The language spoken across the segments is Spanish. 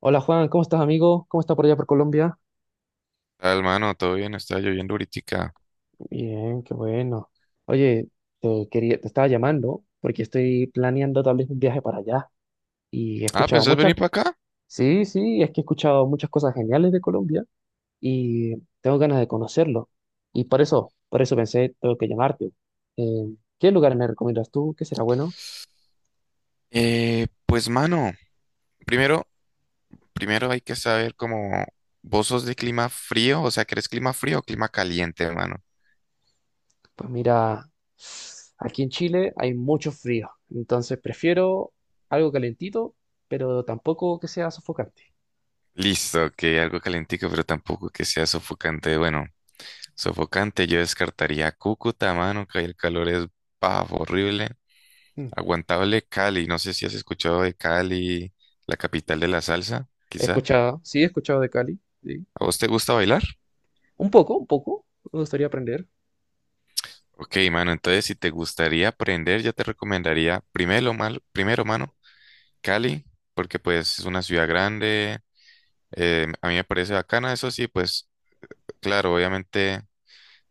Hola Juan, ¿cómo estás amigo? ¿Cómo está por allá por Colombia? Tal, mano? ¿Todo bien? Está lloviendo ahoritica. Bien, qué bueno. Oye, te estaba llamando porque estoy planeando tal vez un viaje para allá y he Ah, escuchado ¿pensás venir muchas, para acá? sí, sí, es que he escuchado muchas cosas geniales de Colombia y tengo ganas de conocerlo. Y por eso pensé, tengo que llamarte. ¿Qué lugares me recomiendas tú? ¿Qué será bueno? Mano, primero, primero hay que saber cómo vos sos de clima frío, o sea, ¿querés clima frío o clima caliente, mano? Pues mira, aquí en Chile hay mucho frío, entonces prefiero algo calentito, pero tampoco que sea sofocante. Listo, que algo calentico, pero tampoco que sea sofocante. Bueno, sofocante yo descartaría Cúcuta, mano, que ahí el calor es bajo, horrible. Mm. Aguantable Cali, no sé si has escuchado de Cali, la capital de la salsa, He quizás. escuchado, sí, he escuchado de Cali, sí. ¿A vos te gusta bailar? Un poco, un poco. Me gustaría aprender. Ok, mano, entonces si te gustaría aprender, yo te recomendaría primero, mano, Cali, porque pues es una ciudad grande, a mí me parece bacana, eso sí, pues claro, obviamente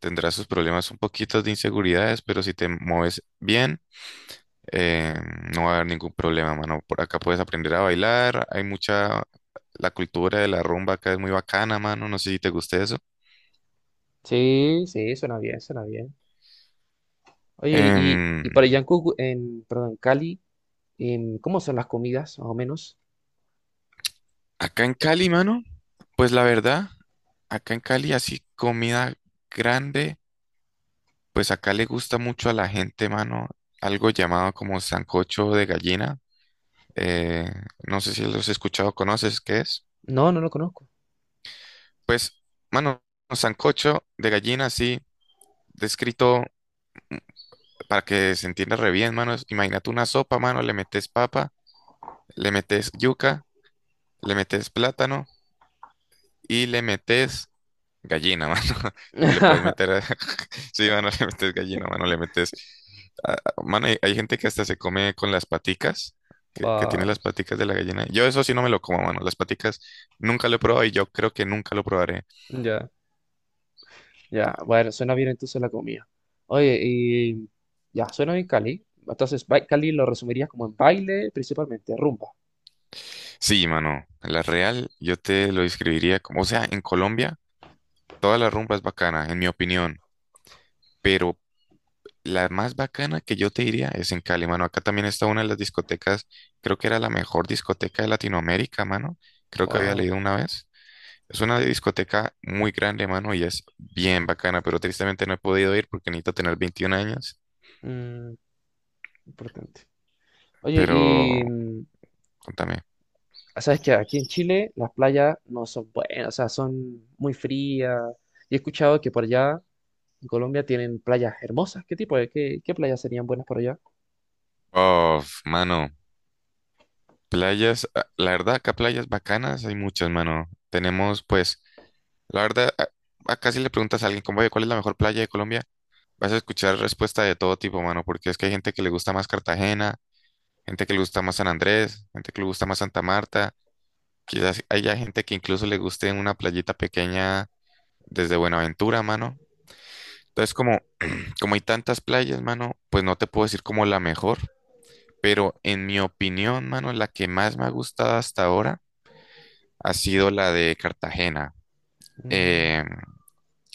tendrás sus problemas un poquito de inseguridades, pero si te mueves bien, eh, no va a haber ningún problema, mano. Por acá puedes aprender a bailar, hay mucha, la cultura de la rumba acá es muy bacana, mano, no sé si te gusta eso. Sí, sí, suena bien, suena bien. Oye, Em, y para Yancu, en, perdón, en Cali, ¿cómo son las comidas, más o menos? acá en Cali, mano. Pues la verdad, acá en Cali así comida grande, pues acá le gusta mucho a la gente, mano, algo llamado como sancocho de gallina. Eh, no sé si los he escuchado, ¿conoces qué es? No, no lo conozco. Pues, mano, sancocho de gallina, así, descrito para que se entienda re bien, mano. Imagínate una sopa, mano, le metes papa, le metes yuca, le metes plátano y le metes gallina, mano. Le puedes meter. Sí, mano, le metes gallina, mano, le metes. Mano, hay gente que hasta se come con las paticas, que tiene Wow, las paticas de la gallina. Yo eso sí no me lo como, mano. Las paticas nunca lo he probado y yo creo que nunca lo probaré. ya, ya. Bueno, suena bien entonces la comida. Oye, y ya, suena bien Cali. Entonces, Cali lo resumirías como en baile, principalmente, rumba. Sí, mano. La real, yo te lo describiría como. O sea, en Colombia, toda la rumba es bacana, en mi opinión. Pero la más bacana que yo te diría es en Cali, mano. Acá también está una de las discotecas, creo que era la mejor discoteca de Latinoamérica, mano. Creo que había Wow, leído una vez. Es una discoteca muy grande, mano, y es bien bacana, pero tristemente no he podido ir porque necesito tener 21 años. mm, importante. Oye, Pero, contame. sabes que aquí en Chile las playas no son buenas, o sea, son muy frías. Y he escuchado que por allá en Colombia tienen playas hermosas. ¿Qué tipo de, qué, qué playas serían buenas por allá? Oh, mano, playas, ah, la verdad, acá playas bacanas hay muchas, mano. Tenemos, pues, la verdad, acá si le preguntas a alguien, como, "Oye, ¿cuál es la mejor playa de Colombia? Vas a escuchar respuesta de todo tipo, mano, porque es que hay gente que le gusta más Cartagena, gente que le gusta más San Andrés, gente que le gusta más Santa Marta. Quizás haya gente que incluso le guste una playita pequeña desde Buenaventura, mano. Entonces, como, como hay tantas playas, mano, pues no te puedo decir como la mejor, pero en mi opinión, mano, la que más me ha gustado hasta ahora ha sido la de Cartagena. Mm, Eh,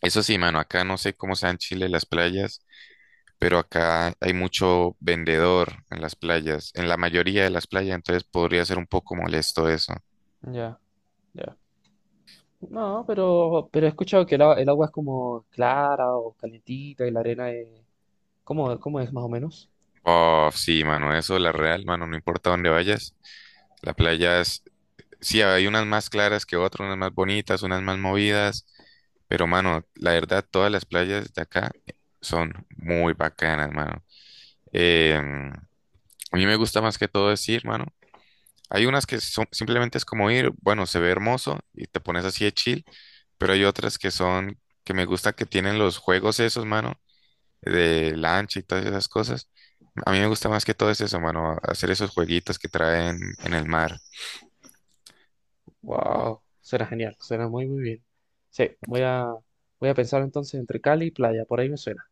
eso sí, mano, acá no sé cómo sean en Chile las playas, pero acá hay mucho vendedor en las playas, en la mayoría de las playas, entonces podría ser un poco molesto eso. ya, ya. No, pero he escuchado que el agua es como clara o calentita y la arena es cómo es más o menos? Oh, sí, mano, eso, la real, mano, no importa dónde vayas. La playa sí, hay unas más claras que otras, unas más bonitas, unas más movidas, pero mano, la verdad, todas las playas de acá son muy bacanas, mano. Em, a mí me gusta más que todo es ir, mano. Hay unas que son, simplemente es como ir, bueno, se ve hermoso y te pones así de chill, pero hay otras que son, que me gusta que tienen los juegos esos, mano, de lancha y todas esas cosas. A mí me gusta más que todo es eso, mano, hacer esos jueguitos que traen en el mar. Wow, suena genial, suena muy muy bien. Sí, voy a pensar entonces entre Cali y playa, por ahí me suena.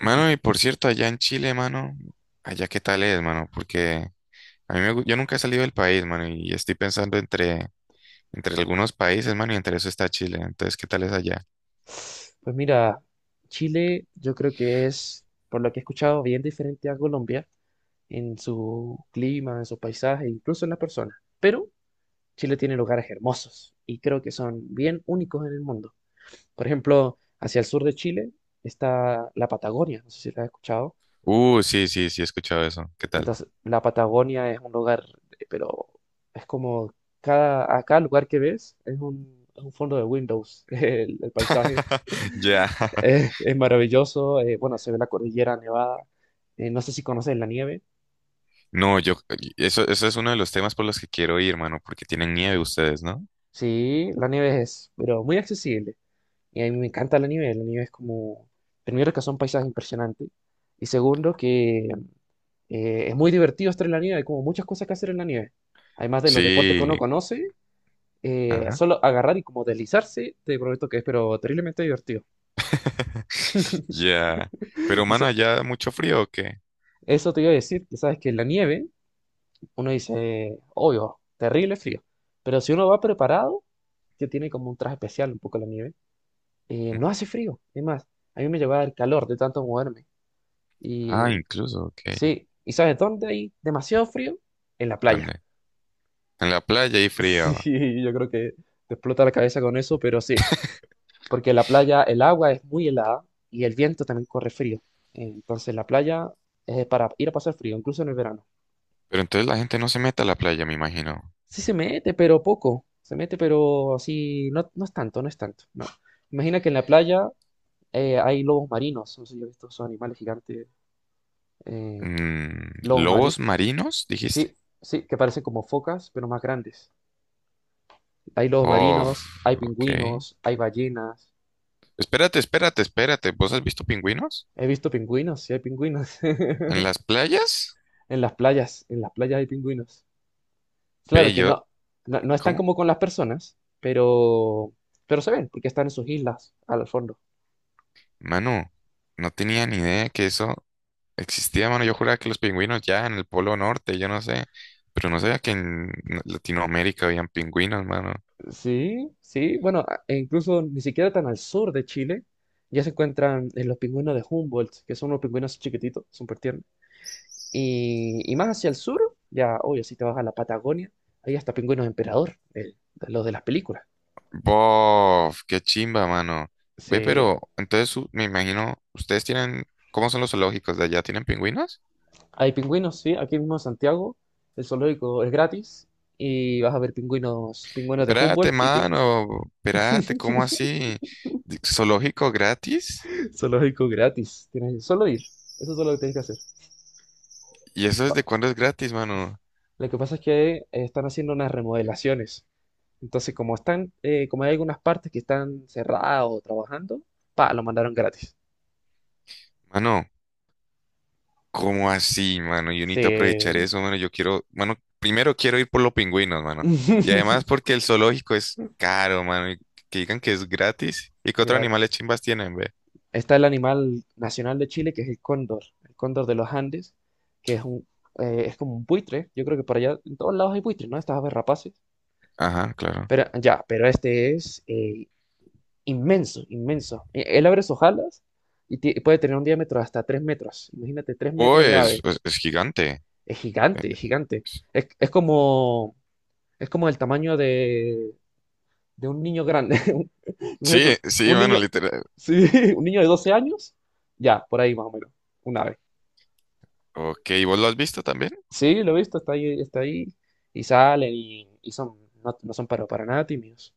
Mano, y por cierto, allá en Chile, mano, allá qué tal es, mano, porque a mí yo nunca he salido del país, mano, y estoy pensando entre algunos países, mano, y entre eso está Chile. Entonces, ¿qué tal es allá? Pues mira, Chile yo creo que es, por lo que he escuchado, bien diferente a Colombia en su clima, en su paisaje, incluso en las personas. Pero Chile tiene lugares hermosos y creo que son bien únicos en el mundo. Por ejemplo, hacia el sur de Chile está la Patagonia, no sé si la has escuchado. Sí, sí, sí, he escuchado eso. ¿Qué tal? Entonces, la Patagonia es un lugar, pero es como a cada lugar que ves es es un fondo de Windows, el paisaje. Ya. Es maravilloso, bueno, se ve la cordillera nevada. No sé si conoces la nieve. No, yo, eso es uno de los temas por los que quiero ir, mano, porque tienen nieve ustedes, ¿no? Sí, la nieve es, pero muy accesible. Y a mí me encanta la nieve. La nieve es como, primero que son paisajes impresionantes. Y segundo que es muy divertido estar en la nieve. Hay como muchas cosas que hacer en la nieve. Además de los deportes que uno Sí, conoce, ajá. solo agarrar y como deslizarse, te prometo que es pero terriblemente divertido. Ya. Pero, mano, Dice- allá mucho frío, ¿o qué? Eso te iba a decir, que sabes que en la nieve uno dice, obvio, terrible frío, pero si uno va preparado, que tiene como un traje especial un poco la nieve, Ujú. no hace frío, es más, a mí me llevaba el calor de tanto moverme. Y Ah, incluso, ok. sí, ¿y sabes dónde hay demasiado frío? En la playa. ¿Dónde? En la playa hay frío. Sí, yo creo que te explota la cabeza con eso, pero sí. Porque la playa, el agua es muy helada y el viento también corre frío. Entonces la playa es para ir a pasar frío, incluso en el verano. Pero entonces la gente no se mete a la playa, me imagino. Sí se mete, pero poco. Se mete, pero así, no, no es tanto, no es tanto. No. Imagina que en la playa hay lobos marinos, no sé si has visto esos animales gigantes, eh, Mm, lobos ¿lobos marinos, marinos, dijiste? sí, sí, que parecen como focas, pero más grandes. Hay lobos Oh, marinos, hay ok. pingüinos, hay ballenas. Espérate, espérate, espérate. ¿Vos has visto pingüinos? He visto pingüinos, sí hay pingüinos. ¿En las playas? En las playas hay pingüinos. Ve, Claro que yo... no, no, no están ¿Cómo? como con las personas, pero se ven, porque están en sus islas al fondo. Manu, no tenía ni idea que eso existía, mano. Yo juraba que los pingüinos ya en el Polo Norte, yo no sé. Pero no sabía que en Latinoamérica habían pingüinos, mano. Sí, sí, bueno, e incluso ni siquiera tan al sur de Chile, ya se encuentran en los pingüinos de Humboldt, que son unos pingüinos chiquititos, súper tiernos. Y más hacia el sur, ya, obvio, si te vas a la Patagonia, ahí hasta pingüinos emperador, de los de las películas. Bof, qué chimba, mano. Sí, Ve, pero entonces me imagino, ustedes tienen, ¿cómo son los zoológicos de allá? ¿Tienen pingüinos? hay pingüinos, sí, aquí mismo en Santiago, el zoológico es gratis, y vas a ver pingüinos, pingüinos de Espérate, Humboldt y mano, espérate, ¿cómo así? ¿Zoológico gratis? zoológico gratis. Tienes que solo ir. Eso es todo lo que tienes que hacer. ¿Y eso desde Va. cuándo es gratis, mano? Lo que pasa es que están haciendo unas remodelaciones. Entonces, como hay algunas partes que están cerradas o trabajando, pa, lo mandaron gratis. Mano, ¿cómo así, mano? Yo necesito aprovechar Sí. eso, mano. Yo quiero, mano, primero quiero ir por los pingüinos, mano. Y además porque el zoológico es caro, mano, y que digan que es gratis. ¿Y qué otros animales Gratis. chimbas tienen, ve? Está el animal nacional de Chile, que es el cóndor de los Andes, que es es como un buitre. Yo creo que por allá en todos lados hay buitres, ¿no? Estas aves rapaces. Ajá, claro. Pero ya, pero este es inmenso, inmenso. Él abre sus alas y puede tener un diámetro de hasta 3 metros. Imagínate, 3 Oh, metros de ave. Es gigante. Es gigante, es gigante. Es, es como, es como el tamaño de un niño grande. Imagínate Sí, tú, sí, un mano, niño, literal. sí, un niño de 12 años, ya, por ahí más o menos, un ave. Ok, ¿y ¿vos lo has visto también? Sí, lo he visto, está ahí, y salen y son, no, no son para nada tímidos.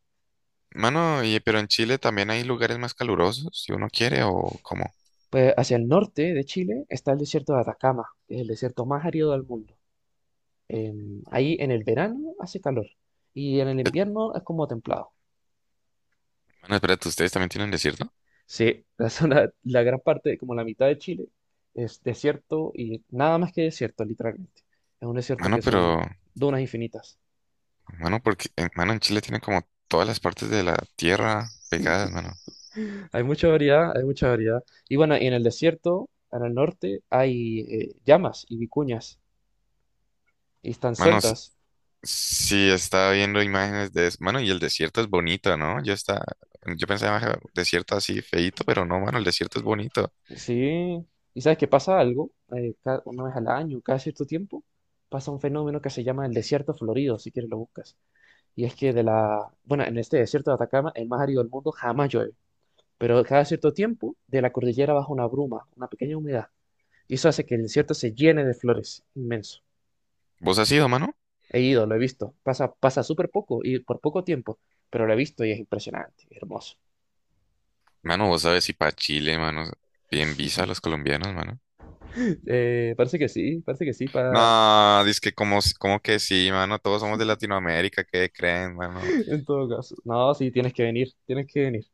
Mano, y, pero en Chile también hay lugares más calurosos, si uno quiere, o cómo. Pues hacia el norte de Chile está el desierto de Atacama, que es el desierto más árido del mundo. Ahí en el verano hace calor y en el Eh, invierno es como templado. Mano, espérate, ¿ustedes también tienen desierto? Sí, la gran parte, como la mitad de Chile, es desierto y nada más que desierto, literalmente. Es un desierto Mano, que son pero, dunas infinitas. mano, porque, mano, en Chile tienen como todas las partes de la tierra pegadas, mano. Hay mucha variedad, hay mucha variedad. Y bueno, y en el desierto, en el norte, hay llamas y vicuñas y están Mano, sí, sueltas. sí estaba viendo imágenes de eso. Mano, y el desierto es bonito, ¿no? Yo está, yo pensaba "Ah, desierto así feíto, pero no, mano, el desierto es bonito. Sí, y sabes que pasa algo, 1 vez al año, cada cierto tiempo, pasa un fenómeno que se llama el desierto florido, si quieres lo buscas. Y es que bueno, en este desierto de Atacama, el más árido del mundo, jamás llueve. Pero cada cierto tiempo, de la cordillera baja una bruma, una pequeña humedad. Y eso hace que el desierto se llene de flores, inmenso. ¿Vos has ido, mano? He ido, lo he visto. Pasa, pasa súper poco y por poco tiempo, pero lo he visto y es impresionante, hermoso. Mano, vos sabes si para Chile, mano, bien visa a los colombianos, mano. Parece que sí, parece que sí, para No, dice que como, como que sí, mano, todos somos de Latinoamérica, ¿qué creen, mano? en todo caso. No, sí, tienes que venir, tienes que venir.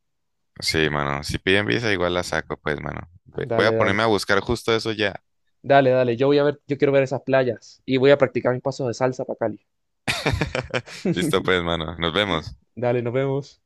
Sí, mano, si piden visa igual la saco, pues, mano. Ve- Voy a Dale, ponerme a dale. buscar justo eso ya. Dale, dale. Yo voy a ver, yo quiero ver esas playas y voy a practicar mis pasos de salsa para Cali. Listo, pues, mano, nos vemos. Dale, nos vemos.